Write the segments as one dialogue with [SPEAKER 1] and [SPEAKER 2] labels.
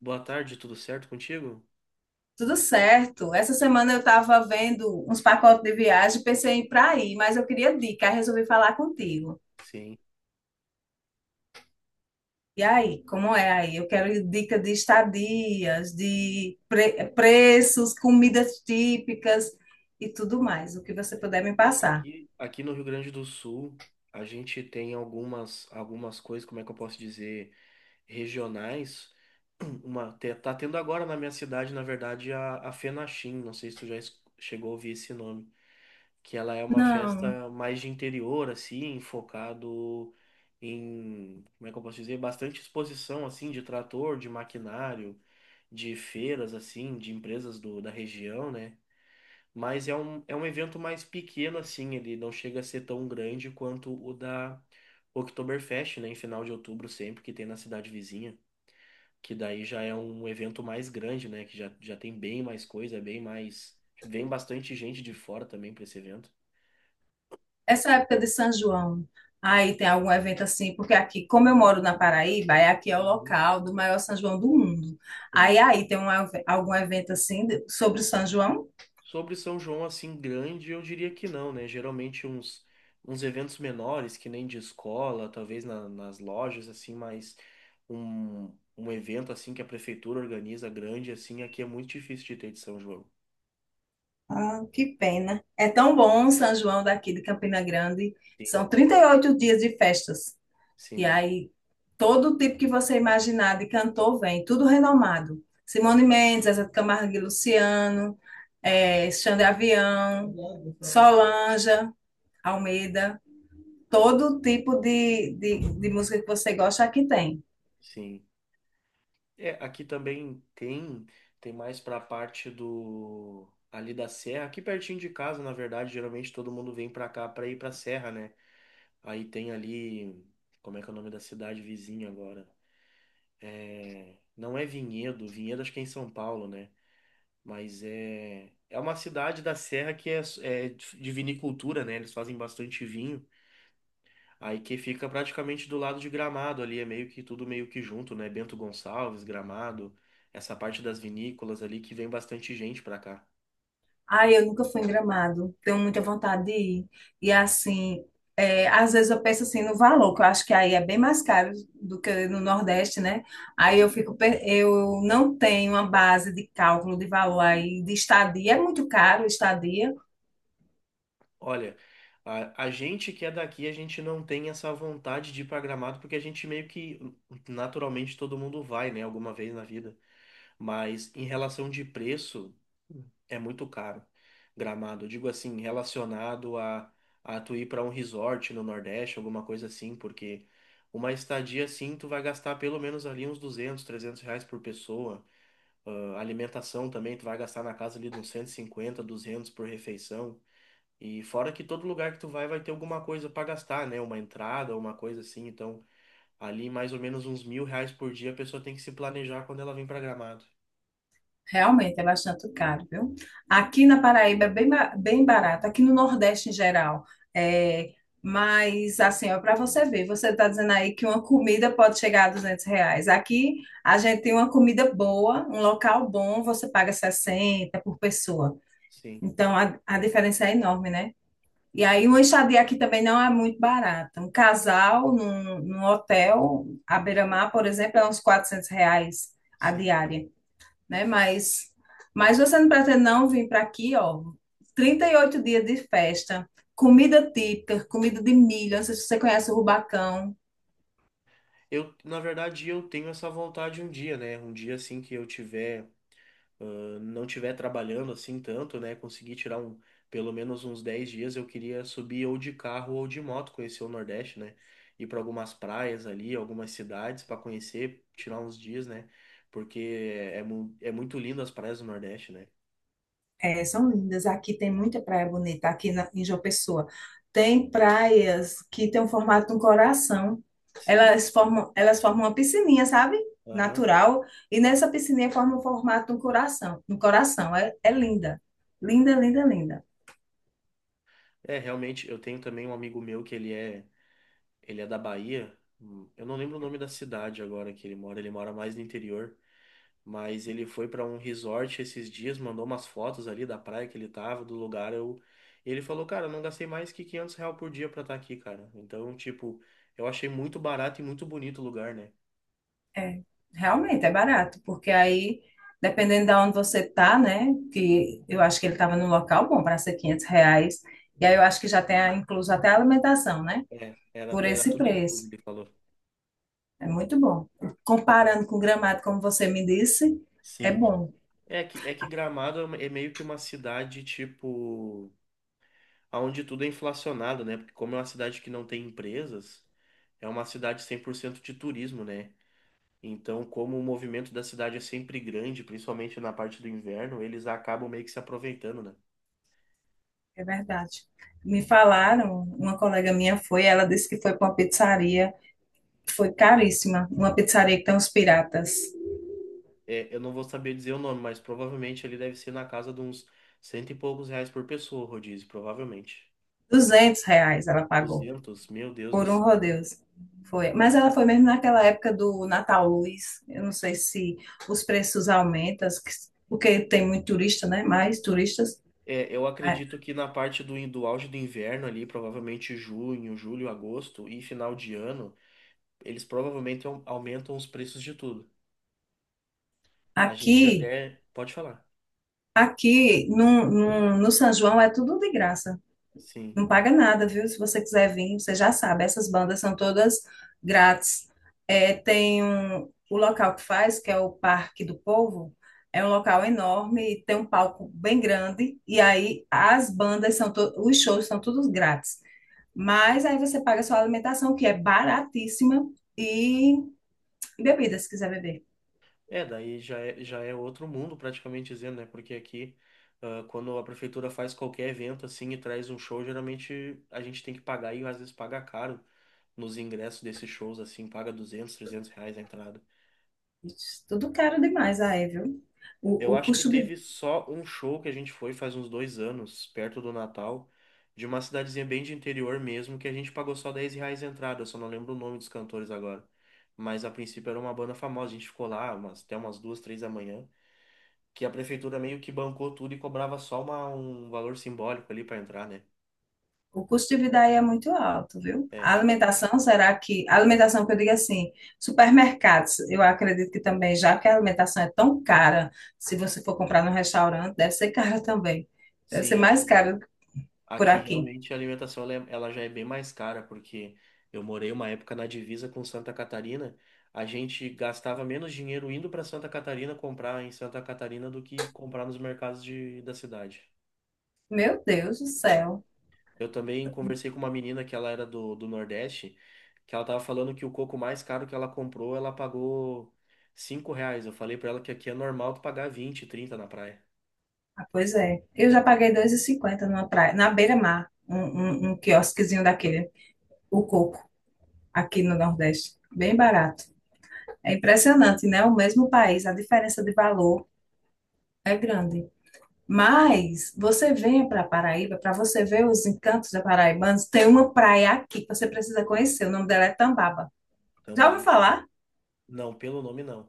[SPEAKER 1] Boa tarde, tudo certo contigo?
[SPEAKER 2] Tudo certo. Essa semana eu estava vendo uns pacotes de viagem, pensei em ir para aí, mas eu queria dica, aí resolvi falar contigo.
[SPEAKER 1] Sim.
[SPEAKER 2] E aí, como é aí? Eu quero dica de estadias, de preços, comidas típicas e tudo mais, o que você puder me passar.
[SPEAKER 1] Aqui, aqui no Rio Grande do Sul, a gente tem algumas coisas, como é que eu posso dizer, regionais. Uma, tá tendo agora na minha cidade, na verdade, a Fenachim, não sei se tu já chegou a ouvir esse nome, que ela é uma
[SPEAKER 2] Não,
[SPEAKER 1] festa mais de interior, assim, focado em, como é que eu posso dizer, bastante exposição, assim, de trator, de maquinário, de feiras, assim, de empresas da região, né? Mas é um evento mais pequeno, assim, ele não chega a ser tão grande quanto o da Oktoberfest, né, em final de outubro sempre, que tem na cidade vizinha, que daí já é um evento mais grande, né, que já tem bem mais coisa, bem mais... Vem bastante gente de fora também para esse evento.
[SPEAKER 2] essa época de São João, aí tem algum evento assim, porque aqui, como eu moro na Paraíba, é aqui é o
[SPEAKER 1] Uhum.
[SPEAKER 2] local do maior São João do mundo.
[SPEAKER 1] Sim.
[SPEAKER 2] Aí tem um, algum evento assim sobre o São João?
[SPEAKER 1] Sobre São João assim grande, eu diria que não, né? Geralmente uns eventos menores, que nem de escola, talvez nas lojas, assim, mas um evento assim que a prefeitura organiza grande, assim, aqui é muito difícil de ter de São João.
[SPEAKER 2] Ah, que pena. É tão bom o São João daqui de Campina Grande.
[SPEAKER 1] Sim,
[SPEAKER 2] São 38 dias de festas. E
[SPEAKER 1] sim,
[SPEAKER 2] aí, todo tipo que você imaginar de cantor vem, tudo renomado. Simone Mendes, Zezé de Camargo e Luciano, Xande Avião, Solange, Almeida. Todo tipo de música que você gosta aqui tem.
[SPEAKER 1] sim. É, aqui também tem, tem mais pra parte do ali da serra, aqui pertinho de casa, na verdade, geralmente todo mundo vem pra cá pra ir pra serra, né? Aí tem ali, como é que é o nome da cidade vizinha agora? É, não é Vinhedo, Vinhedo acho que é em São Paulo, né? Mas é, é uma cidade da Serra que é, é de vinicultura, né? Eles fazem bastante vinho. Aí que fica praticamente do lado de Gramado ali, é meio que tudo meio que junto, né? Bento Gonçalves, Gramado, essa parte das vinícolas ali que vem bastante gente pra cá.
[SPEAKER 2] Ai, eu nunca fui em Gramado. Tenho muita vontade de ir. E assim, é, às vezes eu penso assim no valor, que eu acho que aí é bem mais caro do que no Nordeste, né? Aí eu fico, eu não tenho uma base de cálculo de valor aí de estadia, é muito caro estadia.
[SPEAKER 1] Olha, a gente que é daqui, a gente não tem essa vontade de ir pra Gramado porque a gente meio que naturalmente todo mundo vai, né? Alguma vez na vida. Mas em relação de preço, é muito caro. Gramado, eu digo assim, relacionado a tu ir para um resort no Nordeste, alguma coisa assim, porque uma estadia assim, tu vai gastar pelo menos ali uns R$ 200, 300 por pessoa. Ah, alimentação também, tu vai gastar na casa ali de uns 150, 200 por refeição. E fora que todo lugar que tu vai, vai ter alguma coisa para gastar, né? Uma entrada, uma coisa assim. Então, ali mais ou menos uns 1.000 reais por dia a pessoa tem que se planejar quando ela vem para Gramado.
[SPEAKER 2] Realmente é bastante caro, viu? Aqui na Paraíba é bem, bem barato, aqui no Nordeste em geral. É, mas, assim, ó, para você ver, você está dizendo aí que uma comida pode chegar a 200 reais. Aqui a gente tem uma comida boa, um local bom, você paga 60 por pessoa.
[SPEAKER 1] Sim.
[SPEAKER 2] Então a diferença é enorme, né? E aí uma estadia aqui também não é muito barata. Um casal num, num hotel à beira-mar, por exemplo, é uns 400 reais a
[SPEAKER 1] Sim.
[SPEAKER 2] diária né? Mas você não pretende não vir para aqui, ó, 38 dias de festa, comida típica, comida de milho, não sei se você conhece o Rubacão.
[SPEAKER 1] Na verdade, eu tenho essa vontade um dia, né? Um dia assim que eu tiver, não tiver trabalhando assim tanto, né? Conseguir tirar um, pelo menos uns 10 dias, eu queria subir ou de carro ou de moto, conhecer o Nordeste, né? Ir para algumas praias ali, algumas cidades para conhecer, tirar uns dias, né? Porque é, é muito lindo as praias do Nordeste, né?
[SPEAKER 2] É, são lindas. Aqui tem muita praia bonita, aqui na, em João Pessoa. Tem praias que tem o formato de um coração.
[SPEAKER 1] Sim.
[SPEAKER 2] Elas formam uma piscininha, sabe?
[SPEAKER 1] Aham.
[SPEAKER 2] Natural. E nessa piscininha forma o formato de um coração. Um coração. É, é linda. Linda, linda, linda.
[SPEAKER 1] É, realmente, eu tenho também um amigo meu que ele é da Bahia. Eu não lembro o nome da cidade agora que ele mora mais no interior. Mas ele foi para um resort esses dias, mandou umas fotos ali da praia que ele tava, do lugar. Eu... Ele falou, cara, eu não gastei mais que 500 real por dia pra estar aqui, cara. Então, tipo, eu achei muito barato e muito bonito o lugar, né?
[SPEAKER 2] É, realmente é barato, porque aí, dependendo de onde você tá, né? Que eu acho que ele estava num local bom para ser 500 reais. E aí eu acho que já tem incluso até a alimentação, né?
[SPEAKER 1] É, era,
[SPEAKER 2] Por
[SPEAKER 1] era
[SPEAKER 2] esse
[SPEAKER 1] tudo incluso,
[SPEAKER 2] preço.
[SPEAKER 1] ele falou.
[SPEAKER 2] É muito bom. Comparando com Gramado, como você me disse, é
[SPEAKER 1] Sim.
[SPEAKER 2] bom,
[SPEAKER 1] É que Gramado é é meio que uma cidade, tipo, onde tudo é inflacionado, né? Porque como é uma cidade que não tem empresas, é uma cidade 100% de turismo, né? Então, como o movimento da cidade é sempre grande, principalmente na parte do inverno, eles acabam meio que se aproveitando, né?
[SPEAKER 2] é verdade. Me falaram, uma colega minha foi, ela disse que foi para uma pizzaria, foi caríssima, uma pizzaria que tem uns piratas.
[SPEAKER 1] É, eu não vou saber dizer o nome, mas provavelmente ele deve ser na casa de uns 100 e poucos reais por pessoa, o rodízio, provavelmente.
[SPEAKER 2] 200 reais ela pagou.
[SPEAKER 1] 200, meu Deus do
[SPEAKER 2] Por um
[SPEAKER 1] céu.
[SPEAKER 2] Rodeos. Foi. Mas ela foi mesmo naquela época do Natal Luz. Eu não sei se os preços aumentam, porque tem muito turista, né? Mais turistas.
[SPEAKER 1] É, eu
[SPEAKER 2] A-
[SPEAKER 1] acredito que na parte do, do auge do inverno ali, provavelmente junho, julho, agosto e final de ano, eles provavelmente aumentam os preços de tudo. A gente
[SPEAKER 2] Aqui,
[SPEAKER 1] até pode falar.
[SPEAKER 2] aqui no, no, no São João é tudo de graça.
[SPEAKER 1] Sim.
[SPEAKER 2] Não paga nada, viu? Se você quiser vir, você já sabe. Essas bandas são todas grátis. É, tem um, o local que faz, que é o Parque do Povo, é um local enorme e tem um palco bem grande. E aí as bandas são os shows são todos grátis. Mas aí você paga sua alimentação, que é baratíssima, e, bebidas, se quiser beber.
[SPEAKER 1] É, daí já é outro mundo, praticamente dizendo, né? Porque aqui, ah, quando a prefeitura faz qualquer evento assim e traz um show, geralmente a gente tem que pagar e às vezes paga caro nos ingressos desses shows, assim, paga R$ 200, 300 a entrada.
[SPEAKER 2] Ixi, tudo caro demais aí, viu?
[SPEAKER 1] Eu
[SPEAKER 2] O
[SPEAKER 1] acho que
[SPEAKER 2] custo de.
[SPEAKER 1] teve só um show que a gente foi faz uns 2 anos, perto do Natal, de uma cidadezinha bem de interior mesmo, que a gente pagou só 10 reais a entrada, eu só não lembro o nome dos cantores agora. Mas a princípio era uma banda famosa, a gente ficou lá umas, até umas 2, 3 da manhã. Que a prefeitura meio que bancou tudo e cobrava só um valor simbólico ali para entrar, né?
[SPEAKER 2] O custo de vida aí é muito alto, viu?
[SPEAKER 1] É,
[SPEAKER 2] A
[SPEAKER 1] aqui.
[SPEAKER 2] alimentação, será que. A alimentação que eu digo assim, supermercados, eu acredito que também, já que a alimentação é tão cara, se você for comprar num restaurante, deve ser cara também. Deve ser
[SPEAKER 1] Sim,
[SPEAKER 2] mais
[SPEAKER 1] aqui.
[SPEAKER 2] caro que por
[SPEAKER 1] Aqui
[SPEAKER 2] aqui.
[SPEAKER 1] realmente a alimentação ela já é bem mais cara, porque eu morei uma época na divisa com Santa Catarina. A gente gastava menos dinheiro indo para Santa Catarina comprar em Santa Catarina do que comprar nos mercados da cidade.
[SPEAKER 2] Meu Deus do
[SPEAKER 1] É,
[SPEAKER 2] céu.
[SPEAKER 1] eu também conversei com uma menina que ela era do Nordeste, que ela tava falando que o coco mais caro que ela comprou, ela pagou 5 reais. Eu falei pra ela que aqui é normal tu pagar 20, 30 na praia.
[SPEAKER 2] Ah, pois é. Eu já paguei 2,50 numa praia, na beira-mar, um,
[SPEAKER 1] Sim.
[SPEAKER 2] um, um quiosquezinho daquele, o coco, aqui no Nordeste. Bem barato. É impressionante, né? O mesmo país, a diferença de valor é grande. Mas você vem para Paraíba, para você ver os encantos da paraibanos, tem uma praia aqui que você precisa conhecer. O nome dela é Tambaba. Já ouviu
[SPEAKER 1] Tambá.
[SPEAKER 2] falar?
[SPEAKER 1] Não, pelo nome não.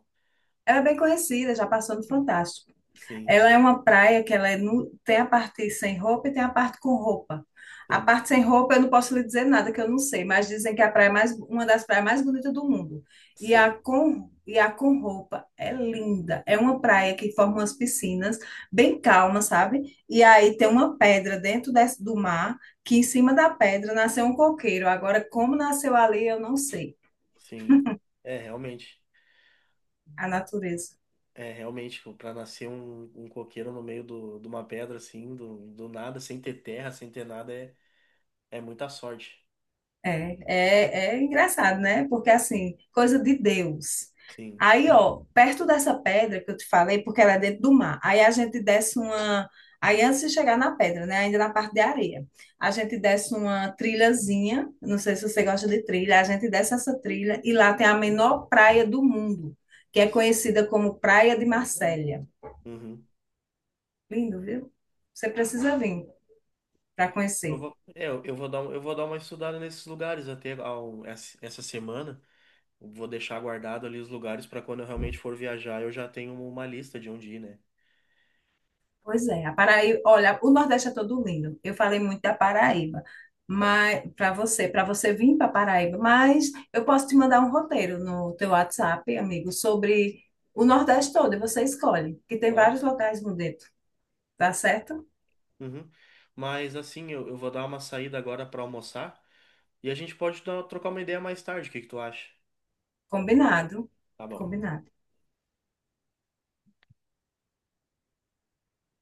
[SPEAKER 2] Ela é bem conhecida, já passou no Fantástico.
[SPEAKER 1] Sim,
[SPEAKER 2] Ela é uma praia que ela é tem a parte sem roupa e tem a parte com roupa. A
[SPEAKER 1] sim,
[SPEAKER 2] parte sem roupa eu não posso lhe dizer nada que eu não sei, mas dizem que é a praia mais uma das praias mais bonitas do mundo.
[SPEAKER 1] sim,
[SPEAKER 2] E a com roupa é linda. É uma praia que forma umas piscinas bem calmas, sabe? E aí tem uma pedra do mar que em cima da pedra nasceu um coqueiro. Agora como nasceu ali eu não sei.
[SPEAKER 1] sim. É, realmente.
[SPEAKER 2] A natureza.
[SPEAKER 1] É, realmente, tipo, pra nascer um coqueiro no meio de uma pedra, assim, do nada, sem ter terra, sem ter nada, é, é muita sorte.
[SPEAKER 2] É, é, é engraçado, né? Porque assim, coisa de Deus.
[SPEAKER 1] Sim.
[SPEAKER 2] Aí, ó, perto dessa pedra que eu te falei, porque ela é dentro do mar. Aí a gente desce uma. Aí antes de chegar na pedra, né? Ainda na parte de areia. A gente desce uma trilhazinha. Não sei se você gosta de trilha. A gente desce essa trilha e lá tem a menor praia do mundo, que é
[SPEAKER 1] Sim.
[SPEAKER 2] conhecida como Praia de Marsella.
[SPEAKER 1] Uhum.
[SPEAKER 2] Lindo, viu? Você precisa vir para
[SPEAKER 1] Eu
[SPEAKER 2] conhecer.
[SPEAKER 1] vou, é, eu vou dar, um- eu vou dar uma estudada nesses lugares até ao, essa essa semana. Vou deixar guardado ali os lugares para quando eu realmente for viajar, eu já tenho uma lista de onde ir, né?
[SPEAKER 2] Pois é, a Paraíba, olha, o Nordeste é todo lindo. Eu falei muito da Paraíba, mas para você vir para Paraíba, mas eu posso te mandar um roteiro no teu WhatsApp, amigo, sobre o Nordeste todo, e você escolhe, que tem
[SPEAKER 1] Claro.
[SPEAKER 2] vários locais bonito, tá certo?
[SPEAKER 1] Uhum. Mas assim, eu vou dar uma saída agora para almoçar e a gente pode trocar uma ideia mais tarde. O que que tu acha?
[SPEAKER 2] Combinado.
[SPEAKER 1] Tá bom.
[SPEAKER 2] Combinado.